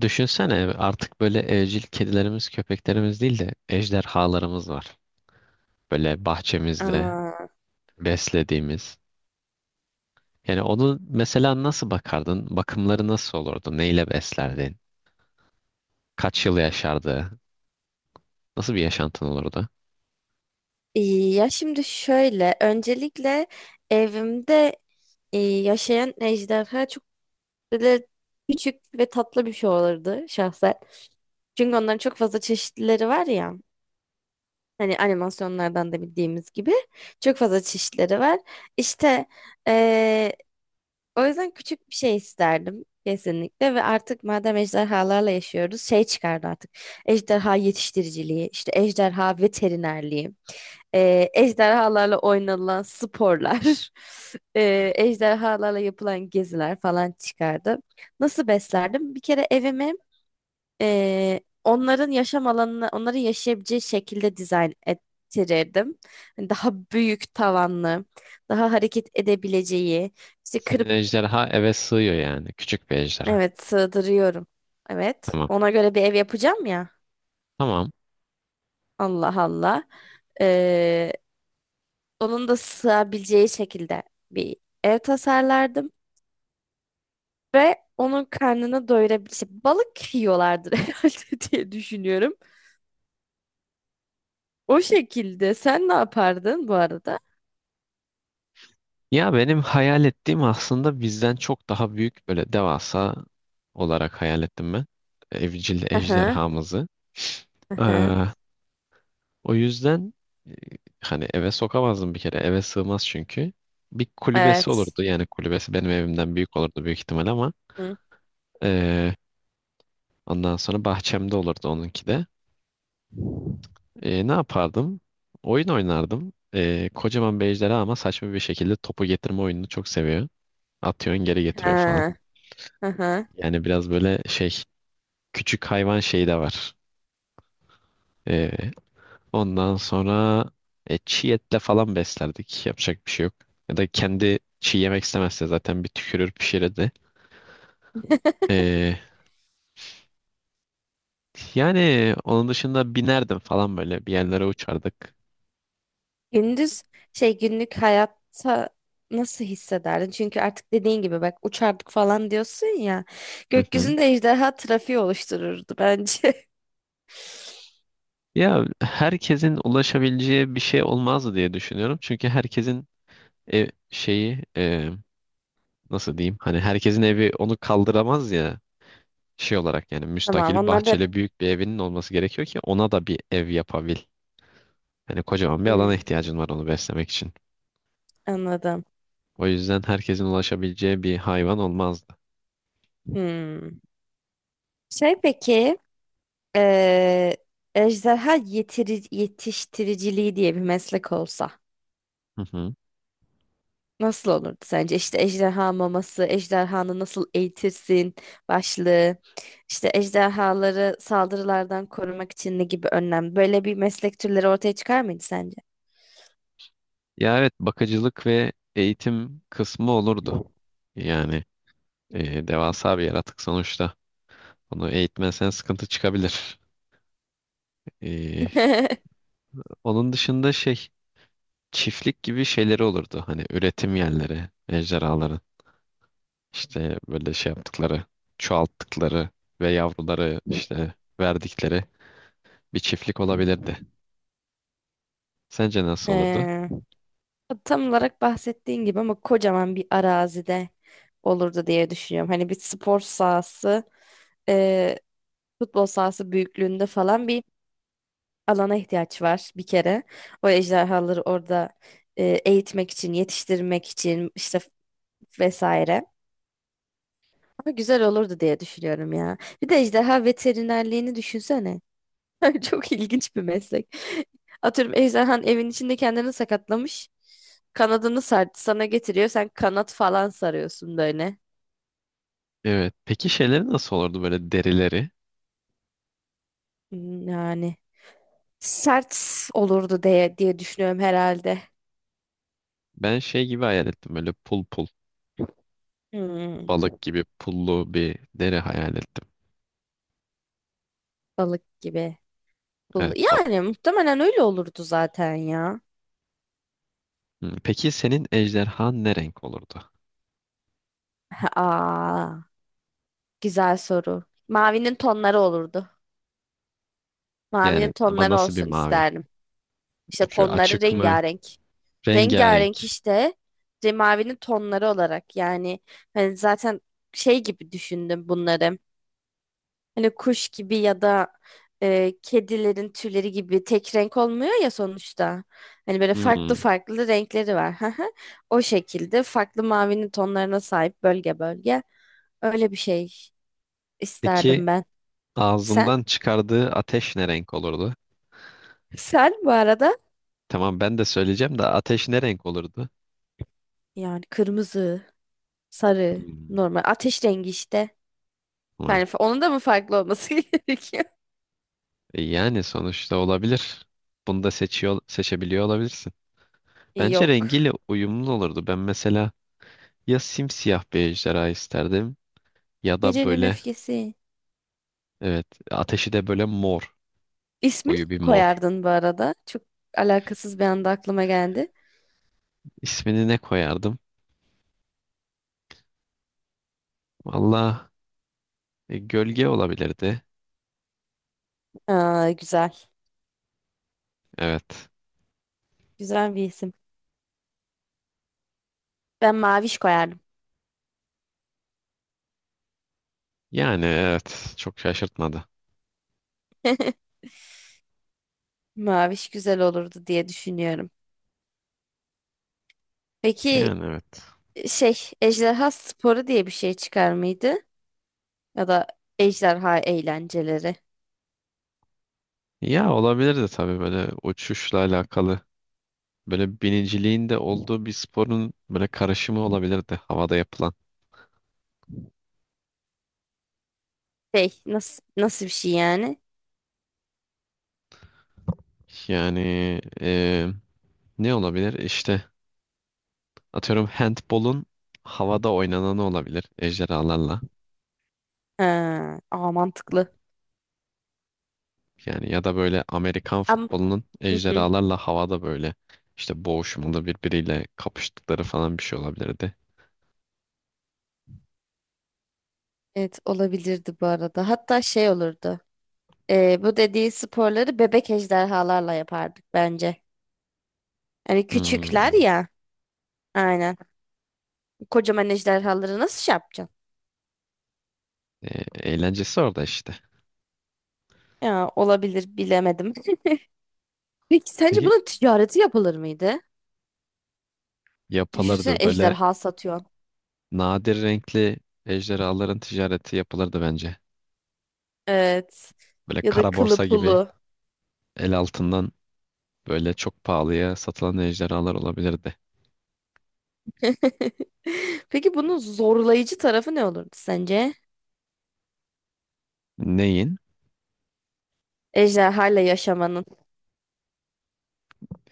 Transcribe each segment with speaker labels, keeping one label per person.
Speaker 1: Düşünsene artık böyle evcil kedilerimiz, köpeklerimiz değil de ejderhalarımız var. Böyle bahçemizde
Speaker 2: Aa,
Speaker 1: beslediğimiz. Yani onu mesela nasıl bakardın? Bakımları nasıl olurdu? Neyle beslerdin? Kaç yıl yaşardı? Nasıl bir yaşantın olurdu?
Speaker 2: iyi. Ya şimdi şöyle, öncelikle evimde yaşayan ejderha çok böyle küçük ve tatlı bir şey olurdu şahsen. Çünkü onların çok fazla çeşitlileri var ya. Hani animasyonlardan da bildiğimiz gibi çok fazla çeşitleri var. İşte e, o yüzden küçük bir şey isterdim kesinlikle ve artık madem ejderhalarla yaşıyoruz şey çıkardı artık. Ejderha yetiştiriciliği, işte ejderha veterinerliği. Ejderhalarla oynanılan sporlar,
Speaker 1: Hmm.
Speaker 2: ejderhalarla yapılan geziler falan çıkardı. Nasıl beslerdim? Bir kere evimi onların yaşam alanına, onların yaşayabileceği şekilde dizayn ettirirdim. Hani daha büyük tavanlı, daha hareket edebileceği, işte
Speaker 1: Senin
Speaker 2: kırıp,
Speaker 1: ejderha eve sığıyor yani. Küçük bir ejderha.
Speaker 2: evet sığdırıyorum. Evet,
Speaker 1: Tamam.
Speaker 2: ona göre bir ev yapacağım ya.
Speaker 1: Tamam.
Speaker 2: Allah Allah. E, Onun da sığabileceği şekilde bir ev tasarlardım. Ve onun karnını doyurabilir. İşte balık yiyorlardır herhalde diye düşünüyorum. O şekilde. Sen ne yapardın bu arada?
Speaker 1: Ya benim hayal ettiğim aslında bizden çok daha büyük böyle devasa olarak hayal ettim ben. Evcil
Speaker 2: Aha,
Speaker 1: ejderhamızı.
Speaker 2: aha.
Speaker 1: Ee, O yüzden e, Hani eve sokamazdım bir kere. Eve sığmaz çünkü. Bir kulübesi
Speaker 2: Evet.
Speaker 1: olurdu. Yani kulübesi benim evimden büyük olurdu büyük ihtimal ama
Speaker 2: Hı.
Speaker 1: e, ondan sonra bahçemde olurdu onunki de. Ne yapardım? Oyun oynardım. Kocaman bir ejderha ama saçma bir şekilde topu getirme oyununu çok seviyor. Atıyorsun geri getiriyor falan.
Speaker 2: Ha, aha.
Speaker 1: Yani biraz böyle şey küçük hayvan şeyi de var. E, Ondan sonra çiğ etle falan beslerdik. Yapacak bir şey yok. Ya da kendi çiğ yemek istemezse zaten bir tükürür pişirirdi. E, Yani onun dışında binerdim falan böyle bir yerlere uçardık.
Speaker 2: Gündüz şey günlük hayatta nasıl hissederdin? Çünkü artık dediğin gibi bak uçardık falan diyorsun ya.
Speaker 1: Hı hı.
Speaker 2: Gökyüzünde ejderha trafiği oluştururdu bence.
Speaker 1: Ya herkesin ulaşabileceği bir şey olmaz diye düşünüyorum. Çünkü herkesin ev şeyi nasıl diyeyim? Hani herkesin evi onu kaldıramaz ya şey olarak yani
Speaker 2: Tamam
Speaker 1: müstakil
Speaker 2: onlar da.
Speaker 1: bahçeli büyük bir evinin olması gerekiyor ki ona da bir ev yapabil. Hani kocaman bir
Speaker 2: Hmm,
Speaker 1: alana ihtiyacın var onu beslemek için.
Speaker 2: anladım.
Speaker 1: O yüzden herkesin ulaşabileceği bir hayvan olmazdı.
Speaker 2: Hmm. Şey peki, Eee ejderha yetiştiriciliği diye bir meslek olsa
Speaker 1: Hı hı.
Speaker 2: nasıl olurdu sence? İşte ejderha maması, ejderhanı nasıl eğitirsin başlığı, işte ejderhaları saldırılardan korumak için ne gibi önlem? Böyle bir meslek türleri ortaya çıkar mıydı sence?
Speaker 1: Ya evet, bakıcılık ve eğitim kısmı olurdu. Yani devasa bir yaratık sonuçta. Onu eğitmezsen sıkıntı çıkabilir. E, Onun dışında şey çiftlik gibi şeyleri olurdu. Hani üretim yerleri, ejderhaların işte böyle şey yaptıkları, çoğalttıkları ve yavruları işte verdikleri bir çiftlik olabilirdi. Sence nasıl olurdu?
Speaker 2: He. Tam olarak bahsettiğin gibi ama kocaman bir arazide olurdu diye düşünüyorum. Hani bir spor sahası, e, futbol sahası büyüklüğünde falan bir alana ihtiyaç var bir kere. O ejderhaları orada eğitmek için, yetiştirmek için işte vesaire. Ama güzel olurdu diye düşünüyorum ya. Bir de ejderha veterinerliğini düşünsene. Çok ilginç bir meslek. Atıyorum ejderhan evin içinde kendini sakatlamış. Kanadını sar sana getiriyor. Sen kanat falan sarıyorsun böyle.
Speaker 1: Evet. Peki şeyleri nasıl olurdu böyle derileri?
Speaker 2: Hmm, yani sert olurdu diye düşünüyorum herhalde.
Speaker 1: Ben şey gibi hayal ettim böyle pul pul
Speaker 2: Hmm,
Speaker 1: balık gibi pullu bir deri hayal ettim.
Speaker 2: balık gibi.
Speaker 1: Evet, balık.
Speaker 2: Yani muhtemelen öyle olurdu zaten ya.
Speaker 1: Hmm. Peki senin ejderhan ne renk olurdu?
Speaker 2: Aa, güzel soru. Mavinin tonları olurdu. Mavinin
Speaker 1: Yani ama
Speaker 2: tonları
Speaker 1: nasıl bir
Speaker 2: olsun
Speaker 1: mavi?
Speaker 2: isterdim. İşte
Speaker 1: Şu
Speaker 2: tonları
Speaker 1: açık mı?
Speaker 2: rengarenk.
Speaker 1: Rengarenk.
Speaker 2: Rengarenk işte mavinin tonları olarak yani hani zaten şey gibi düşündüm bunları. Hani kuş gibi ya da kedilerin tüyleri gibi tek renk olmuyor ya sonuçta. Hani böyle farklı
Speaker 1: Hmm.
Speaker 2: farklı renkleri var. Hı hı. O şekilde farklı mavinin tonlarına sahip bölge bölge. Öyle bir şey
Speaker 1: Peki
Speaker 2: isterdim ben. Sen?
Speaker 1: ağzından çıkardığı ateş ne renk olurdu?
Speaker 2: Sen bu arada
Speaker 1: Tamam, ben de söyleyeceğim de ateş ne renk olurdu?
Speaker 2: yani kırmızı, sarı,
Speaker 1: Hmm.
Speaker 2: normal ateş rengi işte. Yani
Speaker 1: Tamam.
Speaker 2: onun da mı farklı olması gerekiyor?
Speaker 1: Yani sonuçta olabilir. Bunu da seçiyor, seçebiliyor olabilirsin. Bence
Speaker 2: Yok.
Speaker 1: rengiyle uyumlu olurdu. Ben mesela ya simsiyah bir ejderha isterdim ya da
Speaker 2: Gecenin
Speaker 1: böyle
Speaker 2: öfkesi.
Speaker 1: evet ateşi de böyle mor,
Speaker 2: İsmini mi
Speaker 1: koyu bir mor.
Speaker 2: koyardın bu arada? Çok alakasız bir anda aklıma geldi.
Speaker 1: İsmini ne koyardım? Valla gölge olabilirdi.
Speaker 2: Aa, güzel.
Speaker 1: Evet.
Speaker 2: Güzel bir isim. Ben Maviş koyardım.
Speaker 1: Yani evet, çok şaşırtmadı.
Speaker 2: Maviş güzel olurdu diye düşünüyorum. Peki
Speaker 1: Yani evet.
Speaker 2: şey, Ejderha Sporu diye bir şey çıkar mıydı? Ya da ejderha eğlenceleri.
Speaker 1: Ya olabilirdi tabii böyle uçuşla alakalı. Böyle biniciliğin de olduğu bir sporun böyle karışımı olabilirdi havada yapılan.
Speaker 2: Şey nasıl bir şey yani?
Speaker 1: Yani e, ne olabilir? İşte atıyorum handbolun havada oynananı olabilir ejderhalarla.
Speaker 2: Ha, aa, mantıklı.
Speaker 1: Yani ya da böyle Amerikan
Speaker 2: Ama
Speaker 1: futbolunun
Speaker 2: hı hı.
Speaker 1: ejderhalarla havada böyle işte boğuşmalı birbiriyle kapıştıkları falan bir şey olabilirdi.
Speaker 2: Evet olabilirdi bu arada. Hatta şey olurdu. Bu dediği sporları bebek ejderhalarla yapardık bence. Hani küçükler
Speaker 1: Hmm.
Speaker 2: ya. Aynen. Kocaman ejderhaları nasıl şey yapacağız?
Speaker 1: E, Eğlencesi orada işte.
Speaker 2: Ya olabilir bilemedim. Peki sence
Speaker 1: Peki
Speaker 2: bunun ticareti yapılır mıydı? Düşünsene
Speaker 1: yapılırdı böyle
Speaker 2: ejderha satıyorsun.
Speaker 1: nadir renkli ejderhaların ticareti yapılırdı bence.
Speaker 2: Evet.
Speaker 1: Böyle
Speaker 2: Ya da
Speaker 1: kara
Speaker 2: kılı
Speaker 1: borsa gibi
Speaker 2: pulu.
Speaker 1: el altından böyle çok pahalıya satılan ejderhalar olabilirdi.
Speaker 2: Peki bunun zorlayıcı tarafı ne olurdu sence?
Speaker 1: Neyin?
Speaker 2: Ejderhayla yaşamanın.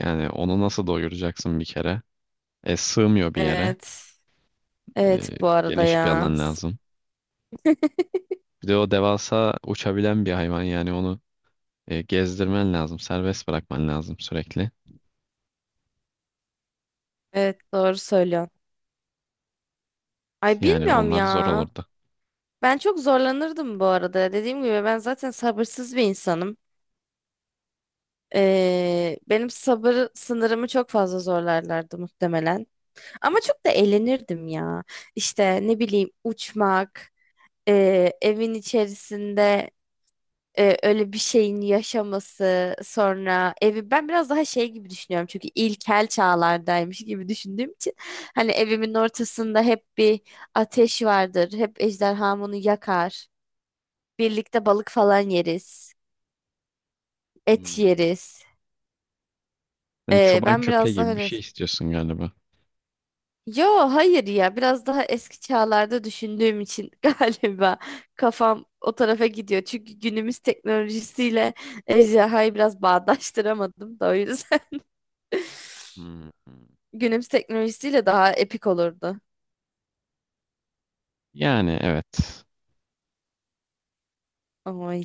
Speaker 1: Yani onu nasıl doyuracaksın bir kere? Sığmıyor bir yere.
Speaker 2: Evet.
Speaker 1: e,
Speaker 2: Evet bu arada
Speaker 1: Geniş bir
Speaker 2: ya.
Speaker 1: alan
Speaker 2: S-
Speaker 1: lazım. Bir de o devasa uçabilen bir hayvan yani onu gezdirmen lazım, serbest bırakman lazım sürekli.
Speaker 2: Evet doğru söylüyorsun. Ay
Speaker 1: Yani
Speaker 2: bilmiyorum
Speaker 1: onlar zor
Speaker 2: ya.
Speaker 1: olurdu.
Speaker 2: Ben çok zorlanırdım bu arada. Dediğim gibi ben zaten sabırsız bir insanım. Benim sabır sınırımı çok fazla zorlarlardı muhtemelen. Ama çok da eğlenirdim ya. İşte ne bileyim uçmak, evin içerisinde öyle bir şeyin yaşaması, sonra evi ben biraz daha şey gibi düşünüyorum. Çünkü ilkel çağlardaymış gibi düşündüğüm için hani evimin ortasında hep bir ateş vardır. Hep ejderham onu yakar. Birlikte balık falan yeriz, et
Speaker 1: Hmm.
Speaker 2: yeriz.
Speaker 1: Sen çoban
Speaker 2: Ben
Speaker 1: köpeği
Speaker 2: biraz daha
Speaker 1: gibi bir
Speaker 2: öyle.
Speaker 1: şey istiyorsun galiba.
Speaker 2: Yo, hayır ya biraz daha eski çağlarda düşündüğüm için galiba kafam o tarafa gidiyor. Çünkü günümüz teknolojisiyle ejderhayı biraz bağdaştıramadım da o yüzden.
Speaker 1: Hmm, hmm.
Speaker 2: Günümüz teknolojisiyle daha epik olurdu.
Speaker 1: Yani evet.
Speaker 2: Ay.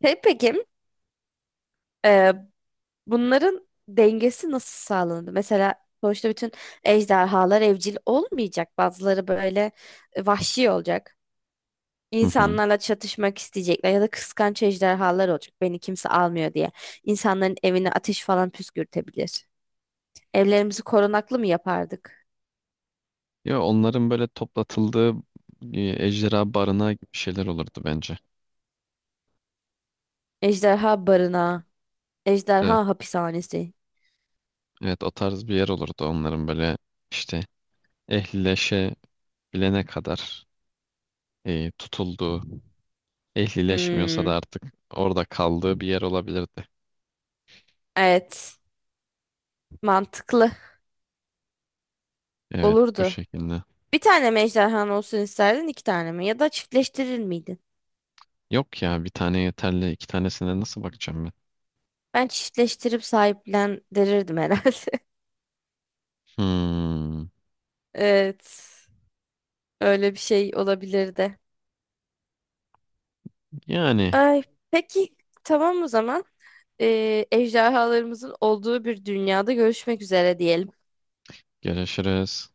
Speaker 2: Hey, peki e, bunların dengesi nasıl sağlandı? Mesela sonuçta bütün ejderhalar evcil olmayacak. Bazıları böyle vahşi olacak.
Speaker 1: Hı hı.
Speaker 2: İnsanlarla çatışmak isteyecekler ya da kıskanç ejderhalar olacak. Beni kimse almıyor diye. İnsanların evine ateş falan püskürtebilir. Evlerimizi korunaklı mı yapardık?
Speaker 1: Ya onların böyle toplatıldığı e, ejderha barınağı gibi şeyler olurdu bence.
Speaker 2: Ejderha barınağı,
Speaker 1: Evet,
Speaker 2: ejderha hapishanesi.
Speaker 1: evet, o tarz bir yer olurdu onların böyle işte ehlileşebilene kadar tutulduğu. Ehlileşmiyorsa da
Speaker 2: Hmm,
Speaker 1: artık orada kaldığı bir yer olabilirdi.
Speaker 2: evet, mantıklı
Speaker 1: Evet, bu
Speaker 2: olurdu.
Speaker 1: şekilde.
Speaker 2: Bir tane mi ejderhan olsun isterdin, iki tane mi? Ya da çiftleştirir miydin?
Speaker 1: Yok ya, bir tane yeterli, iki tanesine nasıl bakacağım ben?
Speaker 2: Ben çiftleştirip sahiplendirirdim herhalde.
Speaker 1: Hmm,
Speaker 2: Evet, öyle bir şey olabilirdi.
Speaker 1: yani
Speaker 2: Ay, peki tamam o zaman. Ejderhalarımızın olduğu bir dünyada görüşmek üzere diyelim.
Speaker 1: görüşürüz.